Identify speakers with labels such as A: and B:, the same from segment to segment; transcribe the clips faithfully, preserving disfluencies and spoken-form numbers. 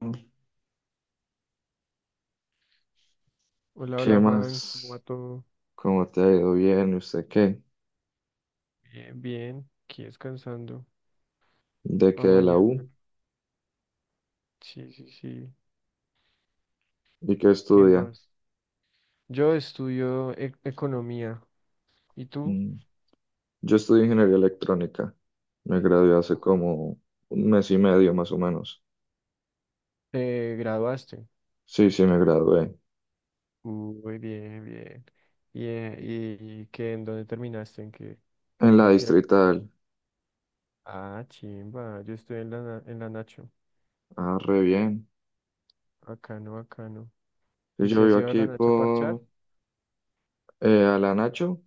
A: ¿Qué
B: Hola, hola Juan, ¿cómo va
A: más?
B: todo?
A: ¿Cómo te ha ido bien? ¿Y usted qué?
B: Bien, bien, aquí descansando
A: ¿De
B: para
A: qué? ¿De la
B: mañana.
A: U?
B: Sí, sí, sí.
A: ¿Y qué
B: ¿Qué
A: estudia?
B: más? Yo estudio e- economía. ¿Y tú?
A: Mm, Yo estudio ingeniería electrónica. Me gradué hace como un mes y medio más o menos.
B: ¿Te graduaste?
A: Sí, sí, me gradué.
B: Muy bien, bien. ¿Y, eh, y qué, en dónde terminaste? ¿En qué, qué
A: En la
B: universidad?
A: Distrital.
B: Ah, chimba, yo estoy en la, na- en la Nacho.
A: Ah, re bien.
B: Bacano, bacano.
A: Y
B: ¿Y si
A: yo
B: has
A: vivo
B: ido a la
A: aquí
B: Nacho a parchar?
A: por eh, Alanacho.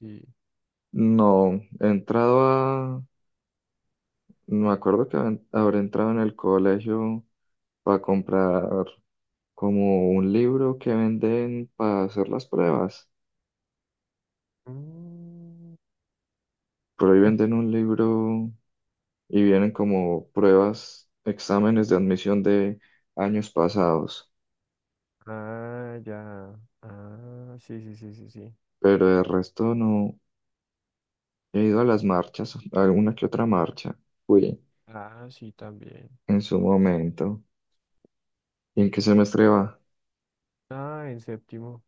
B: Sí.
A: No, he entrado a, no me acuerdo, que hab- habré entrado en el colegio para comprar como un libro que venden para hacer las pruebas.
B: Mm.
A: Por ahí venden un libro y vienen como pruebas, exámenes de admisión de años pasados,
B: Ah, ya. Ah, sí, sí, sí, sí, sí.
A: pero de resto no he ido a las marchas, a alguna que otra marcha. Fui
B: Ah, sí, también.
A: en su
B: Sí,
A: momento. ¿Y en qué semestre va?
B: ah, en séptimo.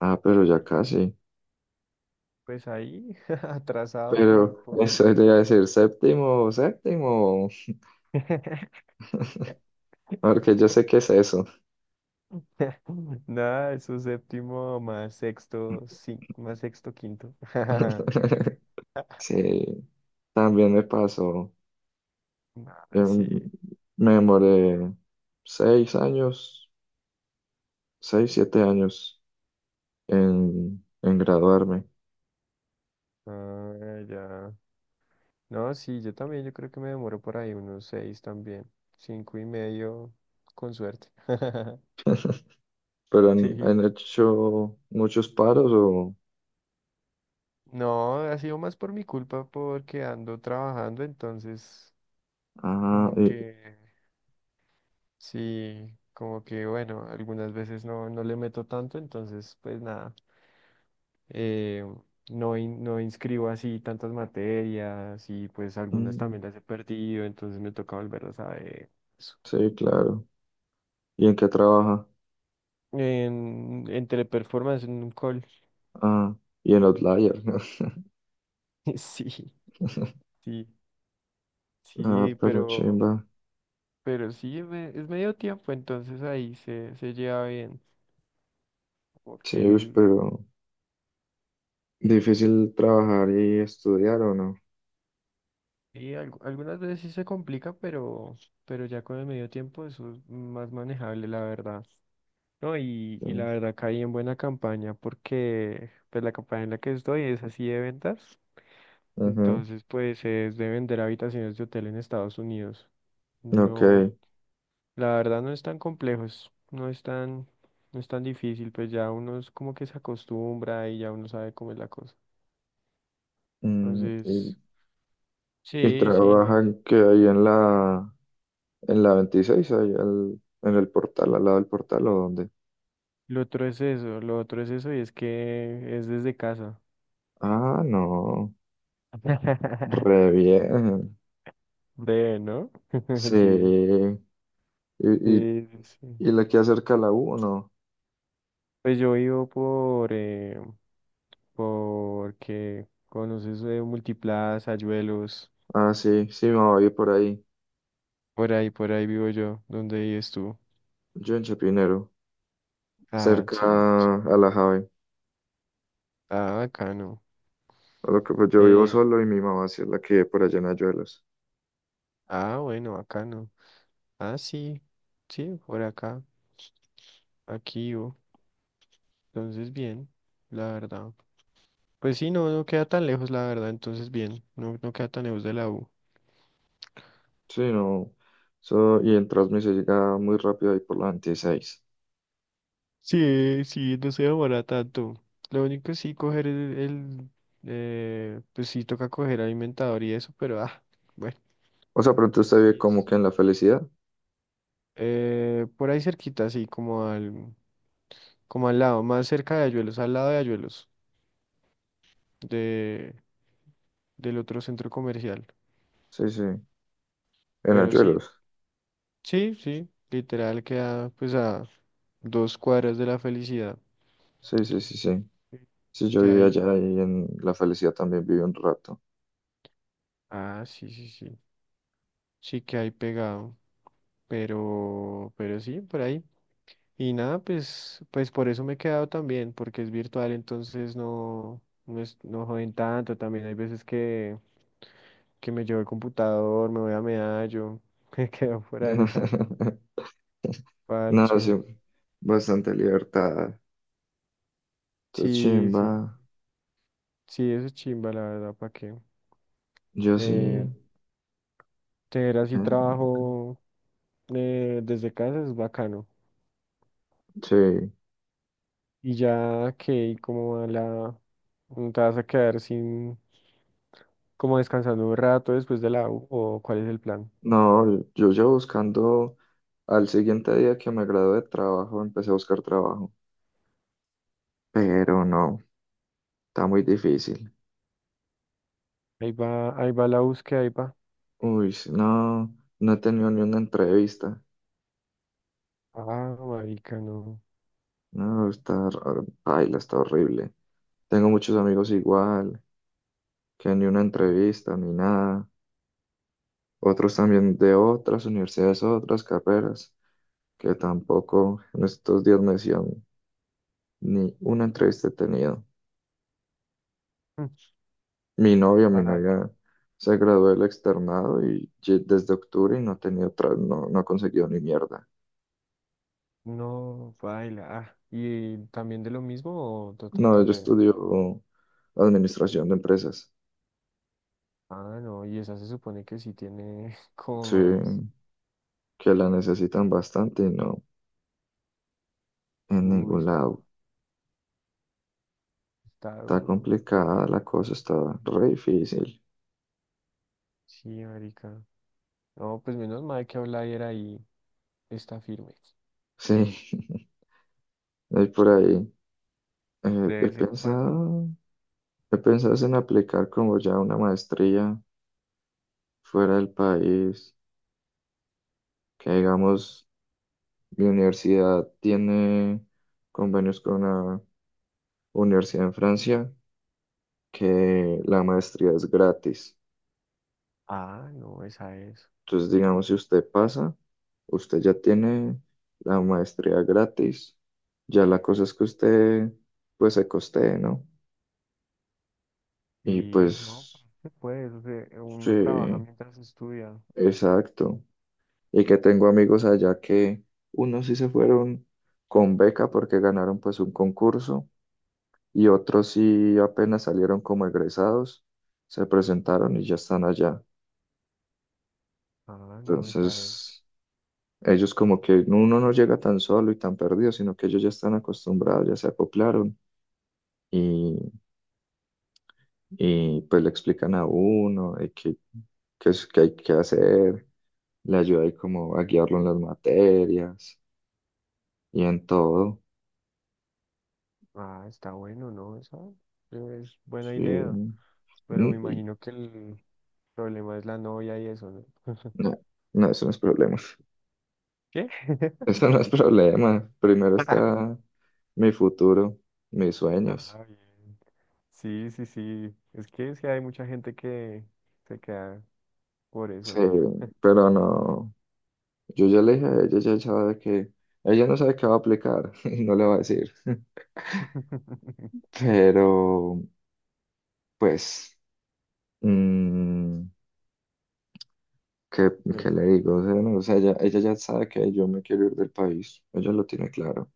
A: Ah, pero ya
B: Sí.
A: casi.
B: Pues ahí, atrasado por,
A: Pero
B: por...
A: eso te iba a decir, séptimo, séptimo, porque yo sé qué es eso.
B: Nada, eso es séptimo más sexto, sí, más sexto, quinto.
A: Sí, también me pasó.
B: Ah,
A: Em,
B: sí.
A: Me demoré seis años, seis, siete años en, en graduarme.
B: Ah, ya. No, sí, yo también, yo creo que me demoro por ahí unos seis también. Cinco y medio, con suerte.
A: Pero han,
B: Sí.
A: han hecho muchos paros o.
B: No, ha sido más por mi culpa porque ando trabajando, entonces
A: Ah,
B: como
A: y-
B: que... Sí, como que bueno, algunas veces no, no le meto tanto, entonces pues nada, eh, no, in- no inscribo así tantas materias y pues algunas
A: Mm,
B: también las he perdido, entonces me toca volverlas a ver. Eso.
A: sí, claro. ¿Y en qué trabaja?
B: En, entre performance en un call.
A: Ah, y en
B: Sí,
A: Outlier.
B: sí, sí,
A: Ah,
B: sí,
A: pero
B: pero,
A: chimba.
B: pero sí, es me- es medio tiempo, entonces ahí se, se lleva bien,
A: Sí,
B: porque...
A: ush, pero difícil trabajar y estudiar o no.
B: Y algu- algunas veces sí se complica, pero, pero ya con el medio tiempo eso es más manejable, la verdad. No, y,
A: Sí.
B: y la verdad caí en buena campaña porque pues la campaña en la que estoy es así de ventas.
A: Ujú.
B: Entonces, pues es de vender habitaciones de hotel en Estados Unidos.
A: Ok.
B: No, la verdad no es tan complejo, es- no es tan, no es tan difícil, pues ya uno es como que se acostumbra y ya uno sabe cómo es la cosa.
A: Mm, y,
B: Entonces,
A: y
B: sí, sí, no.
A: trabajan que ahí en la, en la veintiséis ahí al- en el portal, al lado del portal, o dónde.
B: Lo otro es eso, lo otro es eso y es que es desde casa.
A: Ah, no. Re bien,
B: Breve, ¿no?
A: sí.
B: Sí,
A: ¿Y, y,
B: sí, sí.
A: y la que acerca a la U o no?
B: Pues yo vivo por, eh, porque conoces eh, Multiplaza, Ayuelos,
A: Ah, sí, sí, me voy a por ahí.
B: por ahí, por ahí vivo yo. ¿Dónde vives tú?
A: Yo en Chapinero,
B: Ah, chim,
A: cerca
B: chim.
A: a la Jave.
B: Ah, bacano.
A: A lo que pues yo vivo
B: Eh,
A: solo y mi mamá sí es la que vive por allá en Ayuelos.
B: ah, bueno, bacano. Ah, sí, sí, por acá, aquí yo. Entonces, bien, la verdad. Pues sí, no, no queda tan lejos, la verdad, entonces bien, no, no queda tan lejos de la U.
A: Sí, no. So, y en Transmi se llega muy rápido ahí por la veintiséis.
B: Sí, sí, no se demora tanto. Lo único sí coger el, el, eh, pues sí toca coger alimentador y eso, pero ah, bueno.
A: O sea, pronto usted vive
B: Sí
A: como
B: es-
A: que en La Felicidad.
B: Eh, por ahí cerquita, sí, como al, como al lado, más cerca de Ayuelos, al lado de Ayuelos, de, del otro centro comercial.
A: Sí, sí, en
B: Pero sí,
A: Ayuelos.
B: sí, sí, literal queda pues a dos cuadras de la felicidad.
A: Sí, sí, sí, sí. Sí, yo
B: Que
A: viví
B: hay.
A: allá y en La Felicidad también viví un rato.
B: Ah, sí, sí, sí. Sí que hay pegado. Pero, pero sí, por ahí. Y nada, pues, pues por eso me he quedado también, porque es virtual, entonces no, no es, no joden tanto. También hay veces que, que me llevo el computador, me voy a Medallo, me quedo por allá,
A: No, sí,
B: parcho.
A: bastante libertad. Está
B: Sí, sí,
A: chimba.
B: sí, eso es chimba, la verdad, ¿para qué?
A: Yo
B: Eh,
A: sí.
B: tener
A: eh,
B: así trabajo eh, desde casa es bacano.
A: sí.
B: Y ya que como a la... ¿No? ¿Te vas a quedar sin... como descansando un rato después de la U? ¿O cuál es el plan?
A: No, yo yo buscando al siguiente día que me gradué de trabajo, empecé a buscar trabajo. Pero no, está muy difícil.
B: Ahí va, ahí va la búsqueda, ahí va.
A: Uy, sí, no, no he tenido ni una entrevista.
B: Ah, marica, no.
A: No, está, hor- paila, está horrible. Tengo muchos amigos igual, que ni una entrevista, ni nada. Otros también de otras universidades, otras carreras. Que tampoco en estos días me decían ni una entrevista he tenido.
B: Mm,
A: Mi novia, mi
B: baila,
A: novia se graduó del Externado y ye- desde octubre y no ha tenido otra, no, no ha conseguido ni mierda.
B: no, baila. Ah, y también de lo mismo o de otra
A: No, yo
B: carrera.
A: estudio administración de empresas.
B: Ah, no, y esa se supone que sí tiene como
A: Sí,
B: más.
A: que la necesitan bastante y no en
B: Uy,
A: ningún
B: está,
A: lado.
B: está
A: Está
B: duro.
A: complicada la cosa, está re difícil.
B: Sí, marica. No, pues menos mal que Outlier ahí está firme.
A: Sí, hay por ahí. eh,
B: De
A: he
B: vez en cuando.
A: pensado, he pensado es en aplicar como ya una maestría fuera del país, que digamos, mi universidad tiene convenios con una universidad en Francia, que la maestría es gratis.
B: Ah, no, esa es.
A: Entonces, digamos, si usted pasa, usted ya tiene la maestría gratis. Ya la cosa es que usted, pues, se costee, ¿no? Y
B: Y no,
A: pues,
B: se puede, o sea,
A: sí,
B: uno trabaja mientras estudia.
A: exacto. Y que tengo amigos allá que unos sí se fueron con beca porque ganaron pues un concurso, y otros sí apenas salieron como egresados, se presentaron y ya están allá.
B: Ah, no, esa es.
A: Entonces, ellos como que uno no llega tan solo y tan perdido, sino que ellos ya están acostumbrados, ya se acoplaron y, y pues le explican a uno de qué, qué es que hay que hacer, le ayuda ahí como a guiarlo en las materias y en todo.
B: Ah, está bueno, ¿no? Esa es buena
A: Sí.
B: idea.
A: Mm,
B: Pero me
A: y,
B: imagino que el problema es la novia y eso, ¿no?
A: no, no, eso no es problema.
B: ¿Qué?
A: Eso no es problema. Primero está mi futuro, mis sueños.
B: Ah, bien. Sí, sí, sí. Es que sí hay mucha gente que se queda por eso,
A: Sí,
B: ¿no?
A: pero no. Yo ya le dije a ella, ella sabe que. Ella no sabe qué va a aplicar y no le va a decir. Pero, pues, mm, ¿qué,
B: Pues
A: qué
B: sí.
A: le digo? O sea, no, o sea, ella, ella ya sabe que yo me quiero ir del país. Ella lo tiene claro.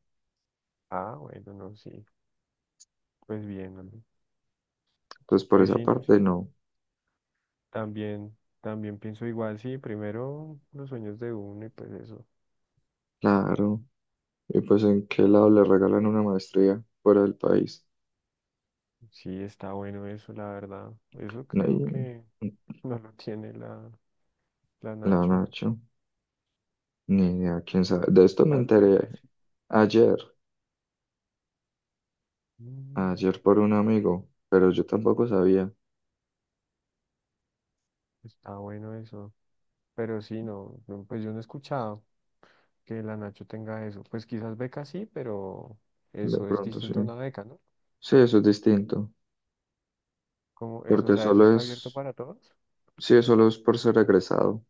B: Ah, bueno, no, sí. Pues bien, hombre.
A: Entonces, por
B: Pues
A: esa
B: sí, no,
A: parte,
B: sí.
A: no.
B: También, también pienso igual, sí, primero los sueños de uno y pues eso.
A: Claro. Y pues, ¿en qué lado le regalan una maestría fuera del país?
B: Sí, está bueno eso, la verdad. Eso
A: No,
B: creo
A: y-
B: que no lo tiene la, la
A: la
B: Nacho.
A: Nacho. Ni idea,
B: Pues,
A: quién sabe. De esto me
B: las
A: enteré
B: becas, sí.
A: ayer,
B: Mm,
A: ayer por un amigo, pero yo tampoco sabía.
B: está bueno eso. Pero sí, no, no, pues yo no he escuchado que la Nacho tenga eso. Pues quizás becas sí, pero
A: De
B: eso es
A: pronto sí.
B: distinto a una beca, ¿no?
A: Sí, eso es distinto,
B: Como eso, o
A: porque
B: sea, eso
A: solo
B: está abierto
A: es,
B: para todos.
A: sí, solo es por ser egresado.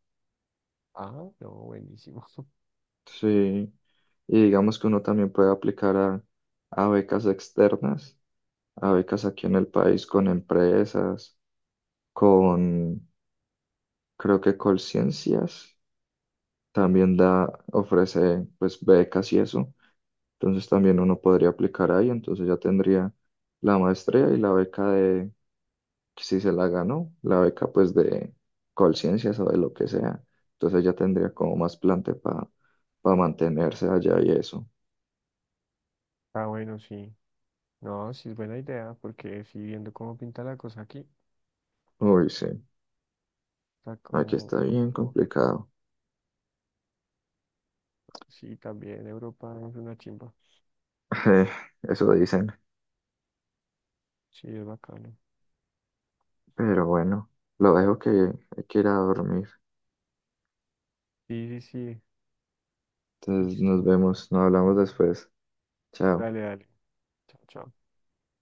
B: Ah, no, buenísimo.
A: Sí. Y digamos que uno también puede aplicar a, a becas externas, a becas aquí en el país con empresas, con, creo que Colciencias también da, ofrece pues becas y eso. Entonces también uno podría aplicar ahí, entonces ya tendría la maestría y la beca de, si se la ganó, la beca pues de Colciencias o de lo que sea. Entonces ya tendría como más plante para mantenerse allá y eso.
B: Está bueno, sí. No, sí es buena idea, porque sí, viendo cómo pinta la cosa aquí, o
A: Uy, sí,
B: sea,
A: aquí
B: cómo,
A: está bien
B: cómo juega.
A: complicado.
B: Sí, también Europa es una chimba.
A: Eh, Eso dicen,
B: Sí, es bacano.
A: pero bueno, lo dejo, que hay que ir a dormir.
B: Sí, sí, sí,
A: Entonces nos
B: listo.
A: vemos, nos hablamos después. Chao.
B: Dale, dale. Chao, chao.